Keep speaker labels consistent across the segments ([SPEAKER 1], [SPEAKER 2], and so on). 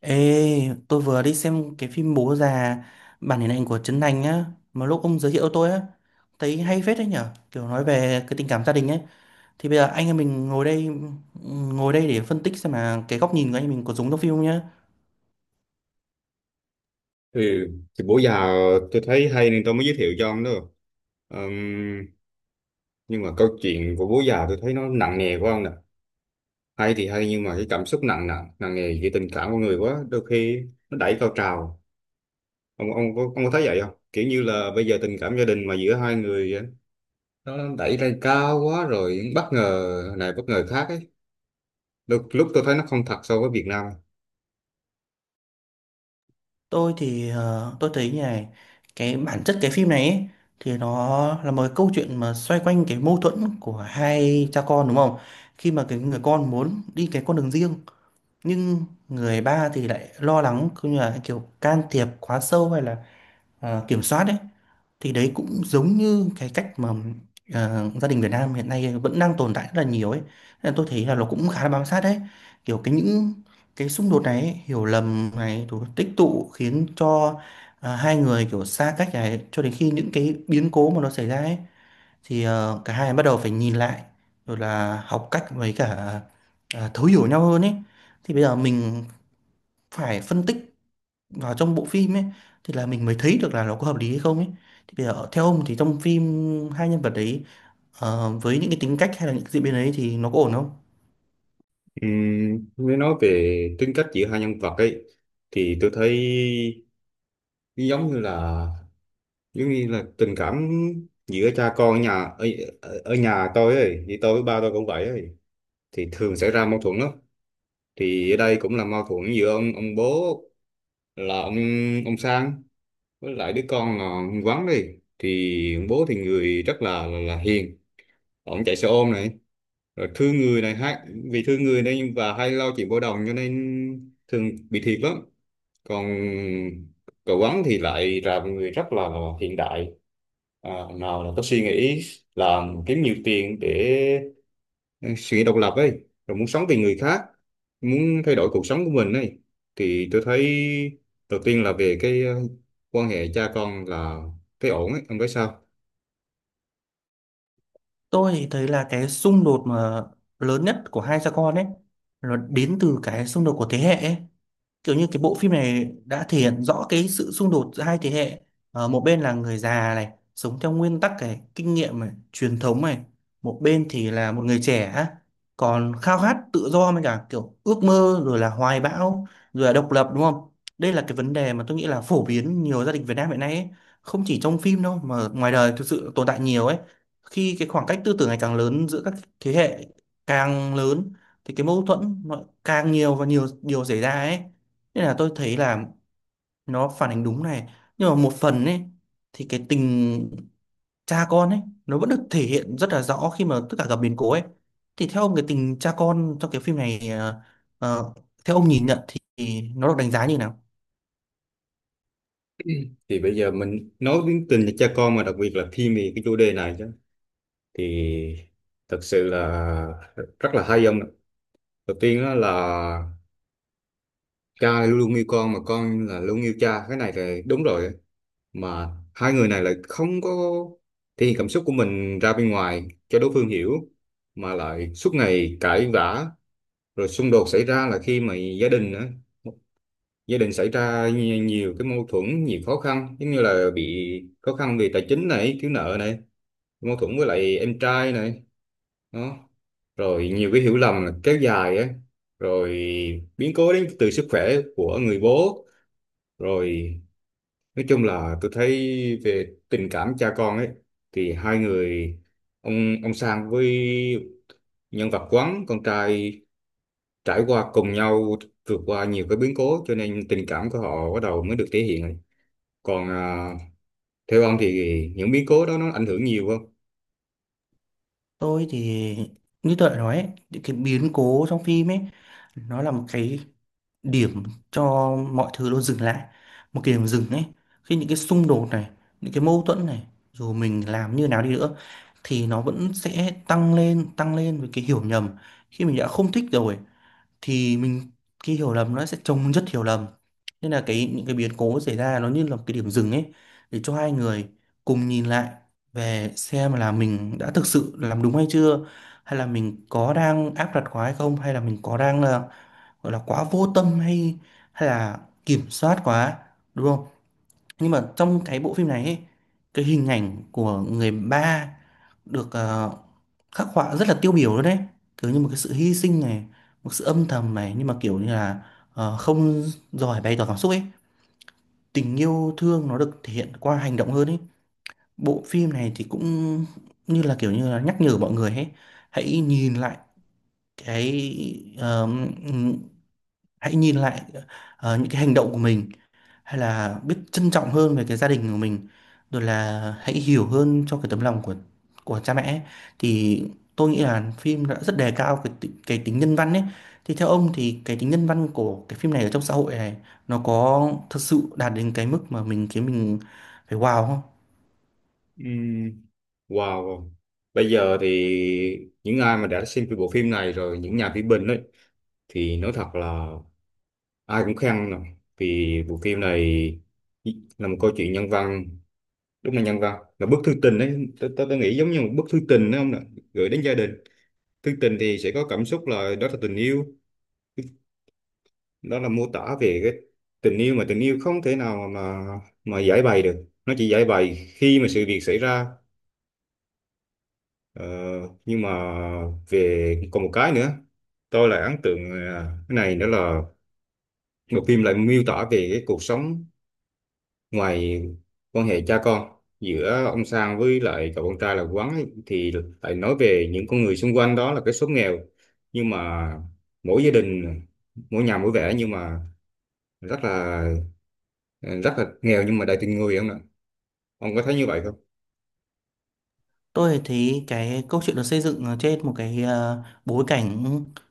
[SPEAKER 1] Ê, tôi vừa đi xem cái phim Bố già bản hình ảnh của Trấn Thành á, mà lúc ông giới thiệu tôi á, thấy hay phết đấy nhở, kiểu nói về cái tình cảm gia đình ấy. Thì bây giờ anh em mình ngồi đây để phân tích xem là cái góc nhìn của anh em mình có giống trong phim không nhá.
[SPEAKER 2] Ừ, thì bữa giờ tôi thấy hay nên tôi mới giới thiệu cho ông đó. Ừm, nhưng mà câu chuyện của Bố Già tôi thấy nó nặng nề quá ông nè. Hay thì hay nhưng mà cái cảm xúc nặng nặng, nặng nề về tình cảm của người quá, đôi khi nó đẩy cao trào. Ông có thấy vậy không? Kiểu như là bây giờ tình cảm gia đình mà giữa hai người á, nó đẩy lên cao quá rồi bất ngờ này bất ngờ khác ấy. Đôi lúc tôi thấy nó không thật so với Việt Nam.
[SPEAKER 1] Tôi thì tôi thấy như này, cái bản chất cái phim này ấy, thì nó là một cái câu chuyện mà xoay quanh cái mâu thuẫn của hai cha con đúng không? Khi mà cái người con muốn đi cái con đường riêng nhưng người ba thì lại lo lắng cũng như là kiểu can thiệp quá sâu hay là kiểm soát đấy, thì đấy cũng giống như cái cách mà gia đình Việt Nam hiện nay vẫn đang tồn tại rất là nhiều ấy. Nên tôi thấy là nó cũng khá là bám sát đấy, kiểu cái những cái xung đột này ấy, hiểu lầm này rồi tích tụ khiến cho hai người kiểu xa cách này cho đến khi những cái biến cố mà nó xảy ra ấy, thì cả hai bắt đầu phải nhìn lại rồi là học cách với cả thấu hiểu nhau hơn ấy. Thì bây giờ mình phải phân tích vào trong bộ phim ấy thì là mình mới thấy được là nó có hợp lý hay không ấy. Thì bây giờ theo ông thì trong phim hai nhân vật đấy với những cái tính cách hay là những diễn biến ấy thì nó có ổn không?
[SPEAKER 2] Nếu nói về tính cách giữa hai nhân vật ấy thì tôi thấy giống như là giống như là tình cảm giữa cha con ở, ở nhà tôi ấy, thì tôi với ba tôi cũng vậy ấy, thì thường xảy ra mâu thuẫn lắm. Thì ở đây cũng là mâu thuẫn giữa ông bố là ông Sang với lại đứa con là ông Quán đi. Thì ông bố thì người rất là hiền, ông chạy xe ôm này, rồi thương người này, hay vì thương người nên và hay lo chuyện bao đồng cho nên thường bị thiệt lắm. Còn cậu Ấn thì lại là một người rất là hiện đại, nào là có suy nghĩ làm kiếm nhiều tiền, để suy nghĩ độc lập ấy, rồi muốn sống vì người khác, muốn thay đổi cuộc sống của mình ấy. Thì tôi thấy đầu tiên là về cái quan hệ cha con là thấy ổn ấy, ông thấy sao?
[SPEAKER 1] Tôi thì thấy là cái xung đột mà lớn nhất của hai cha con ấy nó đến từ cái xung đột của thế hệ ấy, kiểu như cái bộ phim này đã thể hiện rõ cái sự xung đột giữa hai thế hệ. Một bên là người già này sống theo nguyên tắc này kinh nghiệm này truyền thống này, một bên thì là một người trẻ á, còn khao khát tự do với cả kiểu ước mơ rồi là hoài bão rồi là độc lập đúng không? Đây là cái vấn đề mà tôi nghĩ là phổ biến nhiều gia đình Việt Nam hiện nay ấy. Không chỉ trong phim đâu mà ngoài đời thực sự tồn tại nhiều ấy, khi cái khoảng cách tư tưởng ngày càng lớn giữa các thế hệ càng lớn thì cái mâu thuẫn nó càng nhiều và nhiều điều xảy ra ấy. Nên là tôi thấy là nó phản ánh đúng này, nhưng mà một phần ấy thì cái tình cha con ấy nó vẫn được thể hiện rất là rõ khi mà tất cả gặp biến cố ấy. Thì theo ông cái tình cha con trong cái phim này ờ, theo ông nhìn nhận thì nó được đánh giá như nào?
[SPEAKER 2] Thì bây giờ mình nói đến tình cha con mà đặc biệt là khi về cái chủ đề này chứ, thì thật sự là rất là hay ông ạ. Đầu tiên đó là cha luôn luôn yêu con mà con là luôn yêu cha, cái này là đúng rồi. Mà hai người này lại không có thể hiện cảm xúc của mình ra bên ngoài cho đối phương hiểu, mà lại suốt ngày cãi vã. Rồi xung đột xảy ra là khi mà gia đình á, gia đình xảy ra nhiều cái mâu thuẫn, nhiều khó khăn, giống như là bị khó khăn về tài chính này, thiếu nợ này, mâu thuẫn với lại em trai này, đó, rồi nhiều cái hiểu lầm là kéo dài á, rồi biến cố đến từ sức khỏe của người bố. Rồi nói chung là tôi thấy về tình cảm cha con ấy thì hai người, ông Sang với nhân vật Quán con trai, trải qua cùng nhau, vượt qua nhiều cái biến cố cho nên tình cảm của họ bắt đầu mới được thể hiện ấy. Còn theo ông thì những biến cố đó nó ảnh hưởng nhiều không?
[SPEAKER 1] Tôi thì như tôi đã nói ấy, những cái biến cố trong phim ấy nó là một cái điểm cho mọi thứ nó dừng lại, một cái điểm dừng ấy, khi những cái xung đột này, những cái mâu thuẫn này, dù mình làm như nào đi nữa thì nó vẫn sẽ tăng lên với cái hiểu nhầm. Khi mình đã không thích rồi thì mình, cái hiểu lầm nó sẽ chồng chất hiểu lầm. Nên là cái những cái biến cố xảy ra nó như là một cái điểm dừng ấy để cho hai người cùng nhìn lại về xem là mình đã thực sự làm đúng hay chưa, hay là mình có đang áp đặt quá hay không, hay là mình có đang là gọi là quá vô tâm hay hay là kiểm soát quá, đúng không? Nhưng mà trong cái bộ phim này ấy, cái hình ảnh của người ba được khắc họa rất là tiêu biểu luôn đấy, kiểu như một cái sự hy sinh này, một sự âm thầm này, nhưng mà kiểu như là không giỏi bày tỏ cảm xúc ấy, tình yêu thương nó được thể hiện qua hành động hơn ấy. Bộ phim này thì cũng như là kiểu như là nhắc nhở mọi người ấy, hãy nhìn lại cái ờ, hãy nhìn lại ờ, những cái hành động của mình, hay là biết trân trọng hơn về cái gia đình của mình, rồi là hãy hiểu hơn cho cái tấm lòng của cha mẹ ấy. Thì tôi nghĩ là phim đã rất đề cao cái tính nhân văn ấy. Thì theo ông thì cái tính nhân văn của cái phim này ở trong xã hội này nó có thật sự đạt đến cái mức mà mình khiến mình phải wow không?
[SPEAKER 2] Ừm, wow. Bây giờ thì những ai mà đã xem cái bộ phim này rồi, những nhà phê bình ấy, thì nói thật là ai cũng khen nè, vì bộ phim này là một câu chuyện nhân văn. Đúng là nhân văn, là bức thư tình đấy, tôi nghĩ giống như một bức thư tình đấy không nè, gửi đến gia đình. Thư tình thì sẽ có cảm xúc, là đó là tình yêu, đó là mô tả về cái tình yêu, mà tình yêu không thể nào mà giải bày được, nó chỉ giải bày khi mà sự việc xảy ra. ờ, nhưng mà về còn một cái nữa tôi lại ấn tượng, cái này đó là bộ phim lại miêu tả về cái cuộc sống ngoài quan hệ cha con giữa ông Sang với lại cậu con trai là Quán ấy, thì lại nói về những con người xung quanh, đó là cái số nghèo, nhưng mà mỗi gia đình mỗi nhà mỗi vẻ, nhưng mà rất là rất là nghèo nhưng mà đầy tình người không ạ? Ông có thấy như vậy không?
[SPEAKER 1] Tôi thấy cái câu chuyện được xây dựng ở trên một cái bối cảnh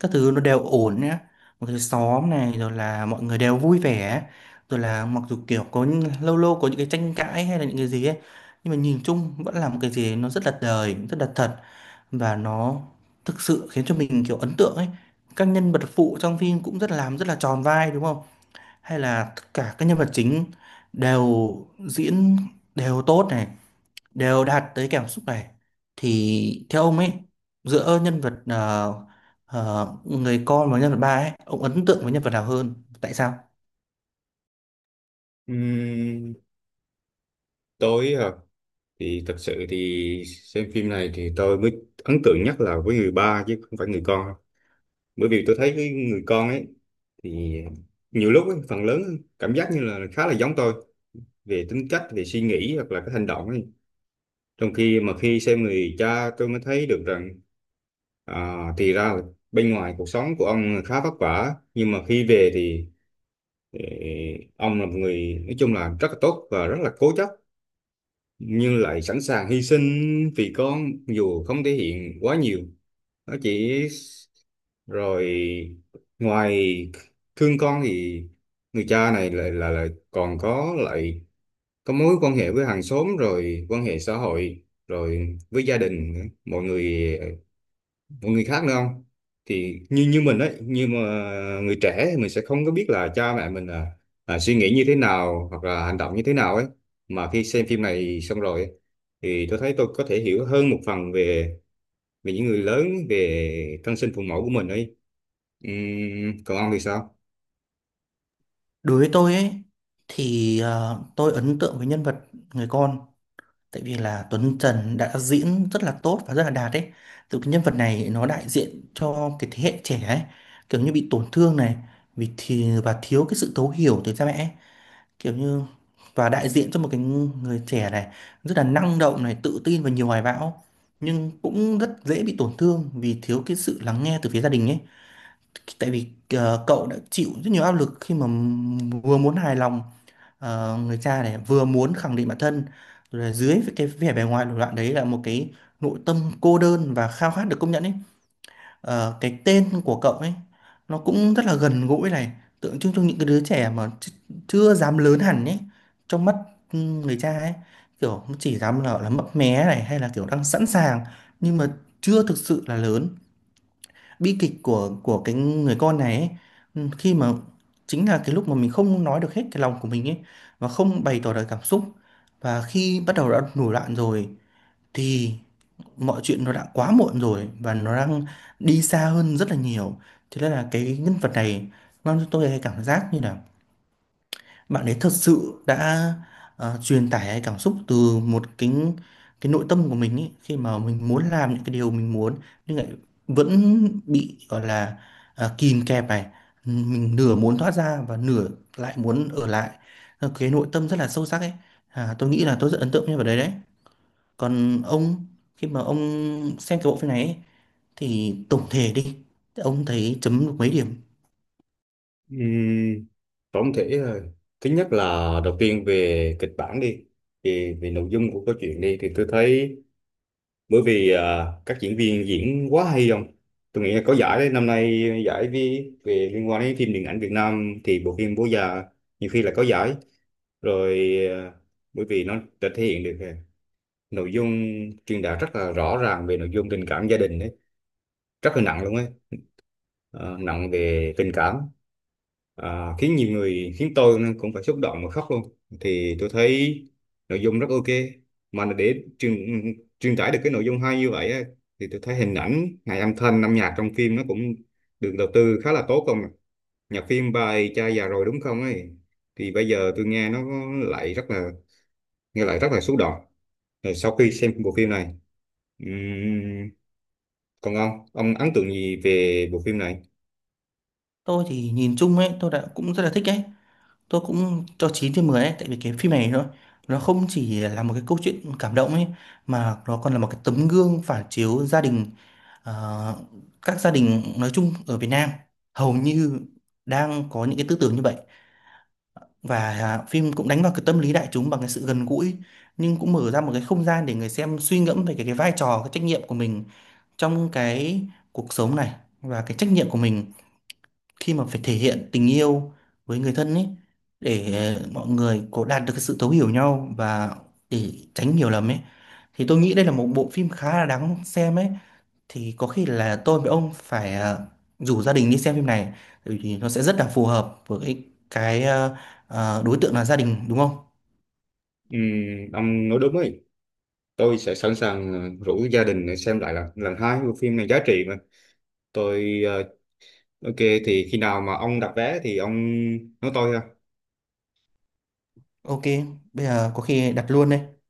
[SPEAKER 1] các thứ nó đều ổn nhá. Một cái xóm này rồi là mọi người đều vui vẻ. Rồi là mặc dù kiểu có lâu lâu có những cái tranh cãi hay là những cái gì ấy. Nhưng mà nhìn chung vẫn là một cái gì nó rất là đời, rất là thật. Và nó thực sự khiến cho mình kiểu ấn tượng ấy. Các nhân vật phụ trong phim cũng rất là tròn vai đúng không? Hay là tất cả các nhân vật chính đều diễn đều tốt này đều đạt tới cảm xúc này. Thì theo ông ấy, giữa nhân vật người con và nhân vật ba ấy, ông ấn tượng với nhân vật nào hơn, tại sao?
[SPEAKER 2] Ừm, tôi thì thật sự thì xem phim này thì tôi mới ấn tượng nhất là với người ba chứ không phải người con. Bởi vì tôi thấy cái người con ấy thì nhiều lúc ấy, phần lớn cảm giác như là khá là giống tôi về tính cách, về suy nghĩ hoặc là cái hành động ấy. Trong khi mà khi xem người cha, tôi mới thấy được rằng, à, thì ra là bên ngoài cuộc sống của ông khá vất vả, nhưng mà khi về thì ờ, ông là một người nói chung là rất là tốt và rất là cố chấp, nhưng lại sẵn sàng hy sinh vì con dù không thể hiện quá nhiều. Nó chỉ rồi ngoài thương con thì người cha này lại còn có mối quan hệ với hàng xóm, rồi quan hệ xã hội, rồi với gia đình nữa, mọi người khác nữa không. Thì như như mình ấy, như mà người trẻ thì mình sẽ không có biết là cha mẹ mình là suy nghĩ như thế nào hoặc là hành động như thế nào ấy. Mà khi xem phim này xong rồi ấy, thì tôi thấy tôi có thể hiểu hơn một phần về về những người lớn, về thân sinh phụ mẫu của mình ấy. Còn ông thì sao?
[SPEAKER 1] Đối với tôi ấy thì tôi ấn tượng với nhân vật người con, tại vì là Tuấn Trần đã diễn rất là tốt và rất là đạt ấy. Từ cái nhân vật này nó đại diện cho cái thế hệ trẻ ấy, kiểu như bị tổn thương này vì thì và thiếu cái sự thấu hiểu từ cha mẹ ấy. Kiểu như và đại diện cho một cái người trẻ này rất là năng động này, tự tin và nhiều hoài bão nhưng cũng rất dễ bị tổn thương vì thiếu cái sự lắng nghe từ phía gia đình ấy, tại vì cậu đã chịu rất nhiều áp lực khi mà vừa muốn hài lòng người cha này, vừa muốn khẳng định bản thân, rồi là dưới cái vẻ bề ngoài nổi loạn đấy là một cái nội tâm cô đơn và khao khát được công nhận ấy. Cái tên của cậu ấy nó cũng rất là gần gũi này, tượng trưng cho những cái đứa trẻ mà chưa dám lớn hẳn ấy trong mắt người cha ấy, kiểu chỉ dám là mấp mé này hay là kiểu đang sẵn sàng nhưng mà chưa thực sự là lớn. Bi kịch của cái người con này ấy, khi mà chính là cái lúc mà mình không nói được hết cái lòng của mình ấy và không bày tỏ được cảm xúc, và khi bắt đầu đã nổi loạn rồi thì mọi chuyện nó đã quá muộn rồi và nó đang đi xa hơn rất là nhiều. Thế nên là cái nhân vật này mang cho tôi cái cảm giác như là bạn ấy thật sự đã truyền tải cái cảm xúc từ một cái nội tâm của mình ấy khi mà mình muốn làm những cái điều mình muốn nhưng lại vẫn bị gọi là kìm kẹp này, mình nửa muốn thoát ra và nửa lại muốn ở lại. Cái nội tâm rất là sâu sắc ấy. À, tôi nghĩ là tôi rất ấn tượng như nhân đấy đấy. Còn ông, khi mà ông xem cái bộ phim này ấy, thì tổng thể đi, ông thấy chấm được mấy điểm?
[SPEAKER 2] Ừm, Tổng thể thứ nhất là, đầu tiên về kịch bản đi, thì về nội dung của câu chuyện đi thì tôi thấy bởi vì các diễn viên diễn quá hay không, tôi nghĩ là có giải đấy, năm nay giải về liên quan đến phim điện ảnh Việt Nam thì bộ phim Bố Già nhiều khi là có giải rồi. à, Bởi vì nó đã thể hiện được, nội dung truyền đạt rất là rõ ràng về nội dung tình cảm gia đình đấy, rất là nặng luôn ấy. Ờ, Nặng về tình cảm, khiến nhiều người, khiến tôi cũng phải xúc động và khóc luôn. Thì tôi thấy nội dung rất ok. Mà để truyền truyền tải được cái nội dung hay như vậy á, thì tôi thấy hình ảnh hay âm thanh âm nhạc trong phim nó cũng được đầu tư khá là tốt không. Nhạc phim bài cha già rồi đúng không ấy, thì bây giờ tôi lại rất là nghe lại rất là xúc động rồi sau khi xem bộ phim này. ừm, Còn ông ấn tượng gì về bộ phim này?
[SPEAKER 1] Tôi thì nhìn chung ấy tôi đã cũng rất là thích ấy, tôi cũng cho 9/10 ấy, tại vì cái phim này nó không chỉ là một cái câu chuyện cảm động ấy mà nó còn là một cái tấm gương phản chiếu gia đình. ờ, các gia đình nói chung ở Việt Nam hầu như đang có những cái tư tưởng như vậy, và phim cũng đánh vào cái tâm lý đại chúng bằng cái sự gần gũi, nhưng cũng mở ra một cái không gian để người xem suy ngẫm về cái vai trò cái trách nhiệm của mình trong cái cuộc sống này và cái trách nhiệm của mình khi mà phải thể hiện tình yêu với người thân ấy, để mọi người có đạt được cái sự thấu hiểu nhau và để tránh hiểu lầm ấy. Thì tôi nghĩ đây là một bộ phim khá là đáng xem ấy. Thì có khi là tôi với ông phải rủ gia đình đi xem phim này bởi vì nó sẽ rất là phù hợp với cái đối tượng là gia đình đúng không?
[SPEAKER 2] Ông nói đúng ấy, tôi sẽ sẵn sàng rủ gia đình để xem lại lần lần hai bộ phim này giá trị mà. Tôi ok. Thì khi nào mà ông đặt vé thì ông nói tôi ha.
[SPEAKER 1] Ok, bây giờ có khi đặt luôn đây.